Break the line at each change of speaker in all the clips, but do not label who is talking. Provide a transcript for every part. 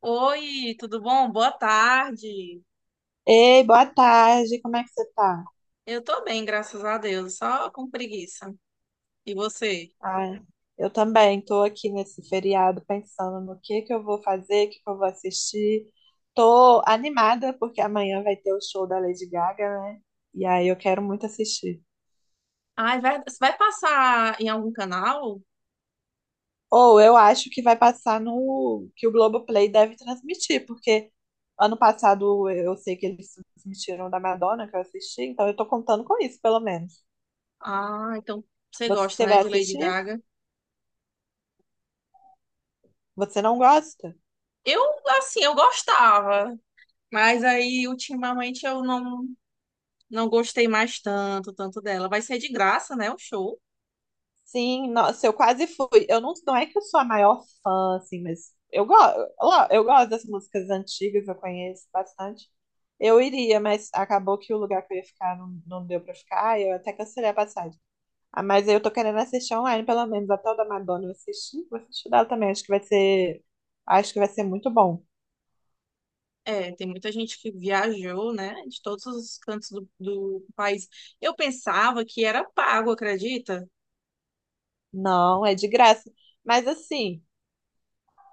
Oi, tudo bom? Boa tarde.
Ei, boa tarde, como é que você tá?
Eu tô bem, graças a Deus, só com preguiça. E você?
Ah, eu também tô aqui nesse feriado pensando no que eu vou fazer, o que que eu vou assistir. Tô animada porque amanhã vai ter o show da Lady Gaga, né? E aí eu quero muito assistir.
Ai, vai, você vai passar em algum canal?
Ou eu acho que vai passar no que o Globoplay deve transmitir, porque ano passado eu sei que eles transmitiram da Madonna que eu assisti, então eu tô contando com isso, pelo menos.
Ah, então você gosta,
Você
né,
vai
de Lady
assistir?
Gaga?
Você não gosta?
Eu, eu gostava, mas aí ultimamente eu não, não gostei mais tanto dela. Vai ser de graça, né, o show?
Sim, nossa, eu quase fui. Eu não, não é que eu sou a maior fã, assim, mas eu gosto das músicas antigas, eu conheço bastante. Eu iria, mas acabou que o lugar que eu ia ficar não deu pra ficar, eu até cancelei a passagem. Ah, mas eu tô querendo assistir online, pelo menos, até o da Madonna eu assisti, vou assistir dela também, acho que vai ser muito bom.
É, tem muita gente que viajou, né, de todos os cantos do país. Eu pensava que era pago, acredita?
Não, é de graça. Mas assim.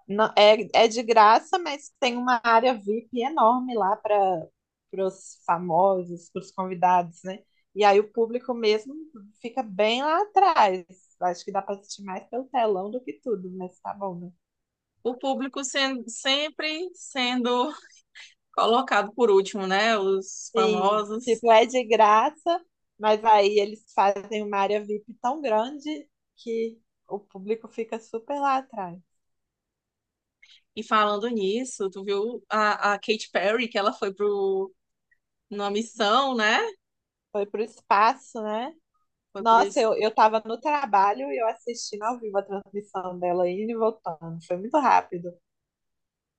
É de graça, mas tem uma área VIP enorme lá para os famosos, para os convidados, né? E aí o público mesmo fica bem lá atrás. Acho que dá para assistir mais pelo telão do que tudo, mas tá bom, né?
O público sendo, sempre sendo colocado por último, né? Os
Sim,
famosos.
tipo, é de graça, mas aí eles fazem uma área VIP tão grande que o público fica super lá atrás.
E falando nisso, tu viu a Katy Perry, que ela foi pro, numa missão, né?
Foi pro espaço, né?
Foi pro.
Nossa,
es-
eu tava no trabalho e eu assistindo ao vivo a transmissão dela indo e voltando. Foi muito rápido.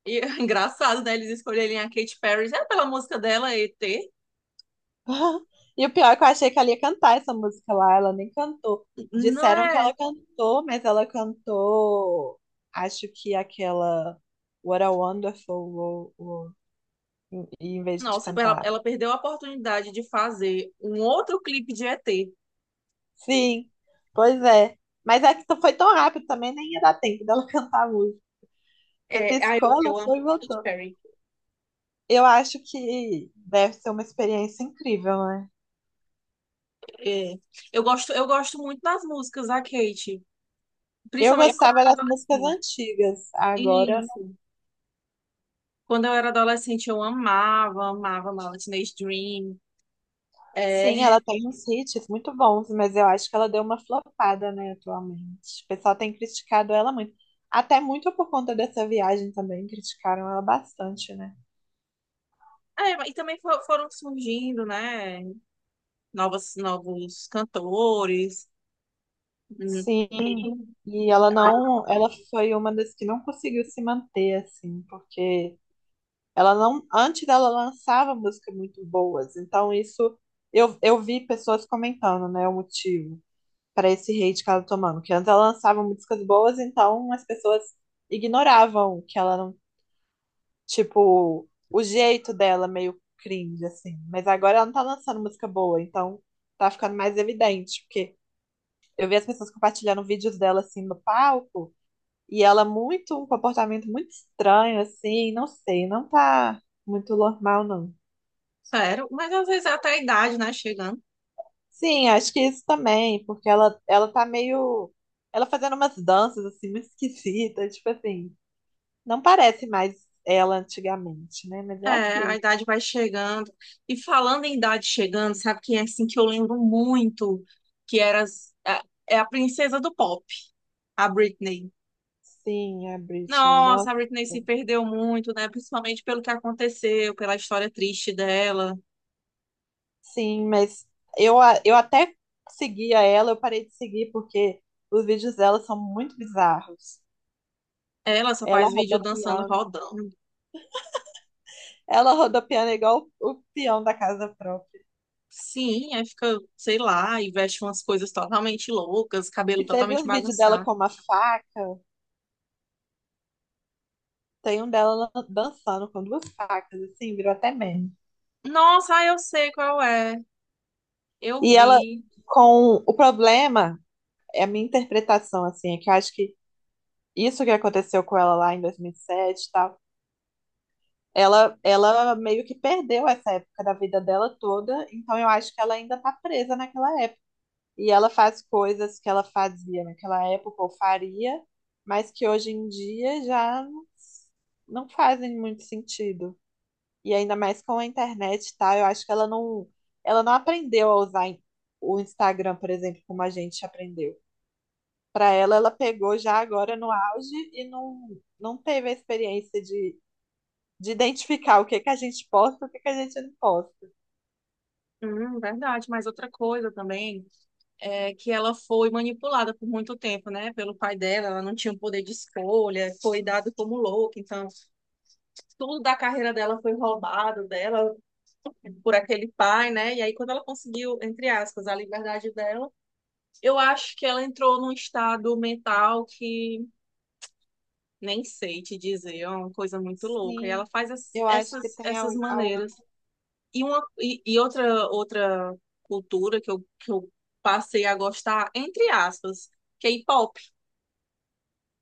E, engraçado, né? Eles escolherem a Katy Perry já é pela música dela, ET.
E o pior é que eu achei que ela ia cantar essa música lá, ela nem cantou.
Não
Disseram que
é?
ela cantou, mas ela cantou, acho que aquela What a Wonderful World, em vez de
Nossa, ela,
cantar.
ela perdeu a oportunidade de fazer um outro clipe de ET.
Sim, pois é. Mas é que foi tão rápido também, nem ia dar tempo dela cantar a música. Você piscou, ela
Eu amo
foi e
Katy
voltou.
Perry.
Eu acho que deve ser uma experiência incrível, né?
É, eu gosto muito das músicas da Kate,
Eu
principalmente quando
gostava
eu
das
era
músicas
adolescente.
antigas. Agora,
Isso. Quando eu era adolescente, eu amava, amava Teenage Dream.
sim,
É,
ela tem uns hits muito bons, mas eu acho que ela deu uma flopada, né, atualmente. O pessoal tem criticado ela muito. Até muito por conta dessa viagem também, criticaram ela bastante, né?
é, e também foram surgindo, né, novos cantores. Hum.
Sim. E ela não, ela foi uma das que não conseguiu se manter assim, porque ela não, antes dela lançava músicas muito boas. Então isso eu vi pessoas comentando, né, o motivo para esse hate que ela tá tomando. Que antes ela lançava músicas boas, então as pessoas ignoravam que ela não, tipo, o jeito dela meio cringe, assim. Mas agora ela não tá lançando música boa, então tá ficando mais evidente, porque eu vi as pessoas compartilhando vídeos dela, assim, no palco, e ela muito, um comportamento muito estranho, assim, não sei, não tá muito normal, não.
Sério, mas às vezes é até a idade, né, chegando.
Sim, acho que isso também, porque ela tá meio. Ela fazendo umas danças, assim, muito esquisitas, tipo assim. Não parece mais ela antigamente, né? Mas é
É, a
aquilo.
idade vai chegando. E falando em idade chegando, sabe quem é assim que eu lembro muito? Que era, é a princesa do pop, a Britney.
Sim, a Britney,
Nossa,
nossa.
a Britney se perdeu muito, né? Principalmente pelo que aconteceu, pela história triste dela.
Sim, mas eu até seguia ela, eu parei de seguir porque os vídeos dela são muito bizarros.
Ela só
Ela
faz vídeo dançando
rodopiando,
rodando.
ela rodopiando igual o peão da casa própria.
Sim, aí fica, sei lá, e veste umas coisas totalmente loucas, cabelo
E você viu
totalmente
os vídeos dela
bagunçado.
com uma faca? Tem um dela dançando com duas facas, assim, virou até meme.
Nossa, ah, eu sei qual é. Eu
E ela,
vi.
com o problema, é a minha interpretação, assim, é que eu acho que isso que aconteceu com ela lá em 2007 e sete e tal, ela meio que perdeu essa época da vida dela toda, então eu acho que ela ainda tá presa naquela época. E ela faz coisas que ela fazia naquela época ou faria, mas que hoje em dia já não fazem muito sentido. E ainda mais com a internet e tal, eu acho que ela não aprendeu a usar o Instagram, por exemplo, como a gente aprendeu. Para ela, ela pegou já agora no auge e não teve a experiência de identificar o que que a gente posta e o que que a gente não posta.
Verdade, mas outra coisa também é que ela foi manipulada por muito tempo, né? Pelo pai dela, ela não tinha o poder de escolha, foi dada como louca, então tudo da carreira dela foi roubado dela, por aquele pai, né? E aí, quando ela conseguiu, entre aspas, a liberdade dela, eu acho que ela entrou num estado mental que nem sei te dizer, é uma coisa muito louca. E
Sim,
ela faz
eu acho que tem
essas
algo.
maneiras. E outra cultura que eu passei a gostar, entre aspas, K-pop.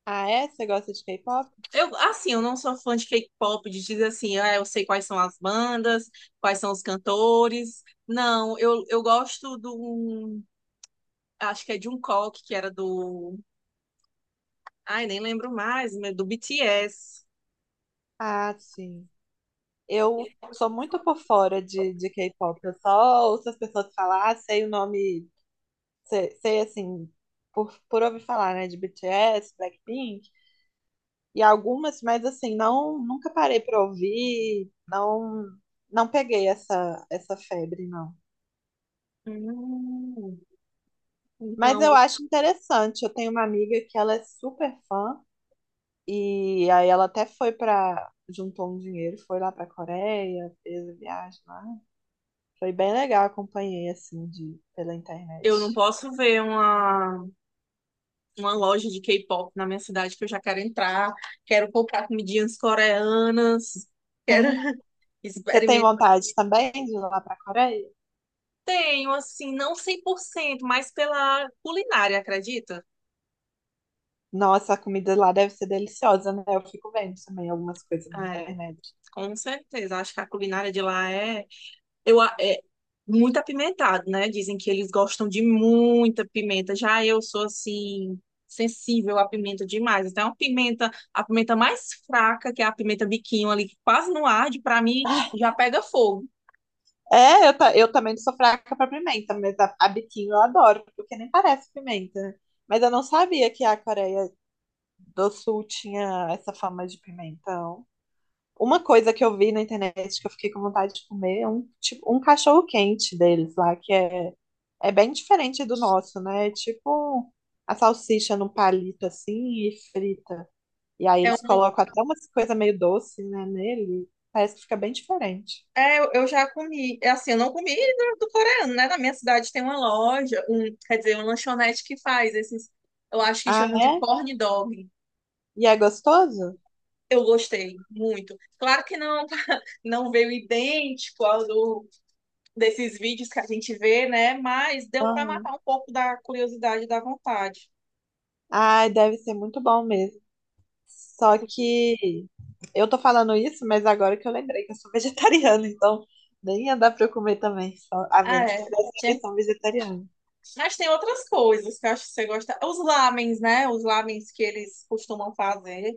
Ah, é? Você gosta de K-pop?
Eu não sou fã de K-pop, de dizer assim, ah, eu sei quais são as bandas, quais são os cantores. Não, eu gosto do acho que é Jungkook, que era do. Ai, nem lembro mais, mas do BTS.
Ah, sim. Eu sou muito por fora de K-pop. Eu só ouço as pessoas falar, sei o nome, sei, assim, por ouvir falar, né? De BTS, Blackpink. E algumas, mas assim, não, nunca parei para ouvir, não peguei essa febre, não.
Hum,
Mas
Então,
eu acho interessante. Eu tenho uma amiga que ela é super fã e aí ela até foi para juntou um dinheiro, foi lá para Coreia, fez a viagem lá. Foi bem legal, acompanhei assim de pela
eu não
internet.
posso ver uma. Uma loja de K-pop na minha cidade que eu já quero entrar, quero comprar comidinhas coreanas, quero
Ah, você tem
experimentar.
vontade também de ir lá para Coreia?
Tenho, assim, não 100%, mas pela culinária, acredita?
Nossa, a comida lá deve ser deliciosa, né? Eu fico vendo também algumas coisas na
É,
internet.
com certeza. Acho que a culinária de lá é, é muito apimentado, né? Dizem que eles gostam de muita pimenta. Já eu sou, assim, sensível à pimenta demais. Então, a pimenta mais fraca, que é a pimenta biquinho ali, que quase não arde, para mim já pega fogo.
É, eu também não sou fraca pra pimenta, mas a biquinho eu adoro, porque nem parece pimenta, né? Mas eu não sabia que a Coreia do Sul tinha essa fama de pimentão. Uma coisa que eu vi na internet que eu fiquei com vontade de comer é um, tipo, um cachorro-quente deles lá, que é bem diferente do nosso, né? É tipo a salsicha num palito assim e frita. E aí
É um,
eles colocam até umas coisas meio doce, né, nele. Parece que fica bem diferente.
É, eu já comi. É assim, eu não comi do coreano, né? Na minha cidade tem uma loja, um, quer dizer, uma lanchonete que faz esses, eu acho que
Ah,
chamam de
é?
corn dog.
E é gostoso?
Eu gostei muito. Claro que não, não veio idêntico ao do, desses vídeos que a gente vê, né? Mas deu para
Aham.
matar um pouco da curiosidade e da vontade.
Ai, deve ser muito bom mesmo. Só que eu tô falando isso, mas agora que eu lembrei que eu sou vegetariana, então nem ia dar pra eu comer também, só, a
Ah,
menos que
é.
fizesse a
Tinha-
versão vegetariana.
Mas tem outras coisas que eu acho que você gosta. Os lamens, né? Os lamens que eles costumam fazer.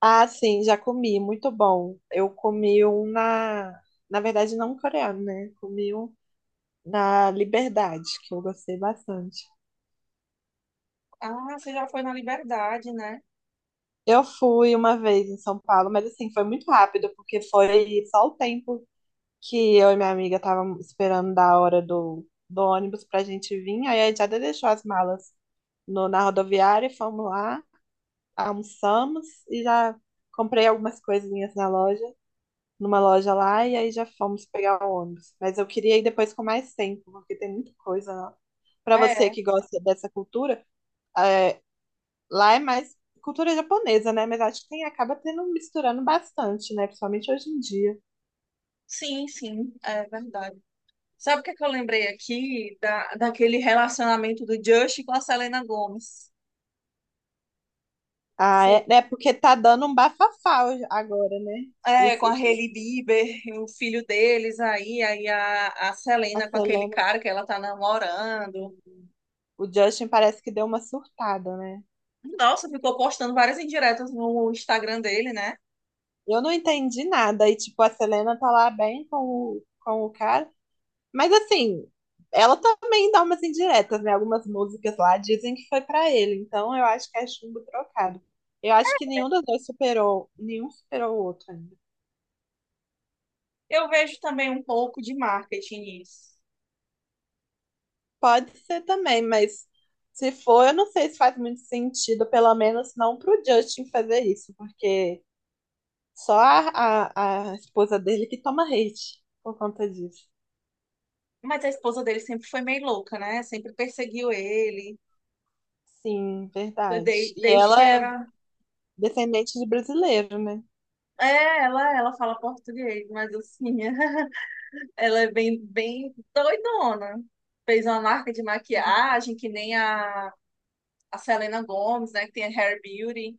Ah, sim, já comi, muito bom. Eu comi um na. Na verdade, não coreano, né? Comi um na Liberdade, que eu gostei bastante.
Ah, você já foi na Liberdade, né?
Eu fui uma vez em São Paulo, mas assim, foi muito rápido, porque foi só o tempo que eu e minha amiga estávamos esperando da hora do ônibus pra gente vir. Aí a Jada deixou as malas no, na rodoviária e fomos lá, almoçamos e já comprei algumas coisinhas na loja, numa loja lá, e aí já fomos pegar o ônibus. Mas eu queria ir depois com mais tempo, porque tem muita coisa lá. Pra você
É
que gosta dessa cultura, é, lá é mais cultura japonesa, né? Mas acho que tem, acaba tendo misturando bastante, né? Principalmente hoje em dia.
sim, sim, é verdade. Sabe o que é que eu lembrei aqui da, daquele relacionamento do Justin com a Selena Gomez?
Ah,
Sim.
é porque tá dando um bafafá agora, né?
É, com
Esse,
a Hailey Bieber, e o filho deles aí, aí a
nossa,
Selena com
eu
aquele
lembro
cara que ela tá namorando.
que o Justin parece que deu uma surtada, né?
Nossa, ficou postando várias indiretas no Instagram dele, né?
Eu não entendi nada. E, tipo, a Selena tá lá bem com o cara. Mas, assim, ela também dá umas indiretas, né? Algumas músicas lá dizem que foi pra ele. Então, eu acho que é chumbo trocado. Eu acho que nenhum dos dois superou, nenhum superou o outro ainda.
Eu vejo também um pouco de marketing nisso.
Pode ser também, mas se for, eu não sei se faz muito sentido, pelo menos não pro Justin fazer isso, porque só a esposa dele que toma hate por conta disso.
Mas a esposa dele sempre foi meio louca, né? Sempre perseguiu ele,
Sim, verdade. E
desde que
ela
ele
é
era
descendente de brasileiro, né?
é, ela fala português, mas assim, ela é bem, bem doidona. Fez uma marca de maquiagem que nem a Selena Gomez, né? Que tem a Hair Beauty.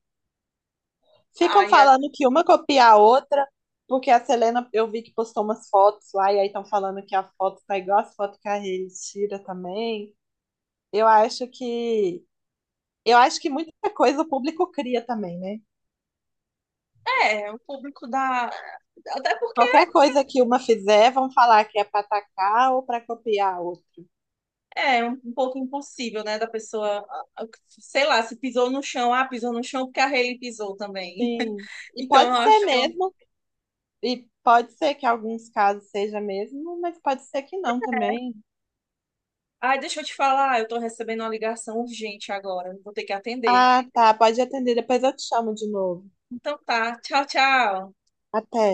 Ficam
Aí
falando que uma copia a outra, porque a Selena, eu vi que postou umas fotos lá, e aí estão falando que a foto tá igual as fotos que a Hailey tira também. Eu acho que. Eu acho que muita coisa o público cria também, né?
é, é, o público da. Até porque
Qualquer coisa que uma fizer, vão falar que é para atacar ou para copiar a outra.
é um pouco impossível, né? Da pessoa, ah, sei lá, se pisou no chão, ah, pisou no chão porque a Hailey pisou também.
Sim. E
Então
pode
eu
ser
acho que eu.
mesmo, e pode ser que em alguns casos seja mesmo, mas pode ser que não também.
Ai, deixa eu te falar, eu tô recebendo uma ligação urgente agora, vou ter que atender.
Ah, tá, pode atender, depois eu te chamo de novo.
Então tá, tchau, tchau.
Até.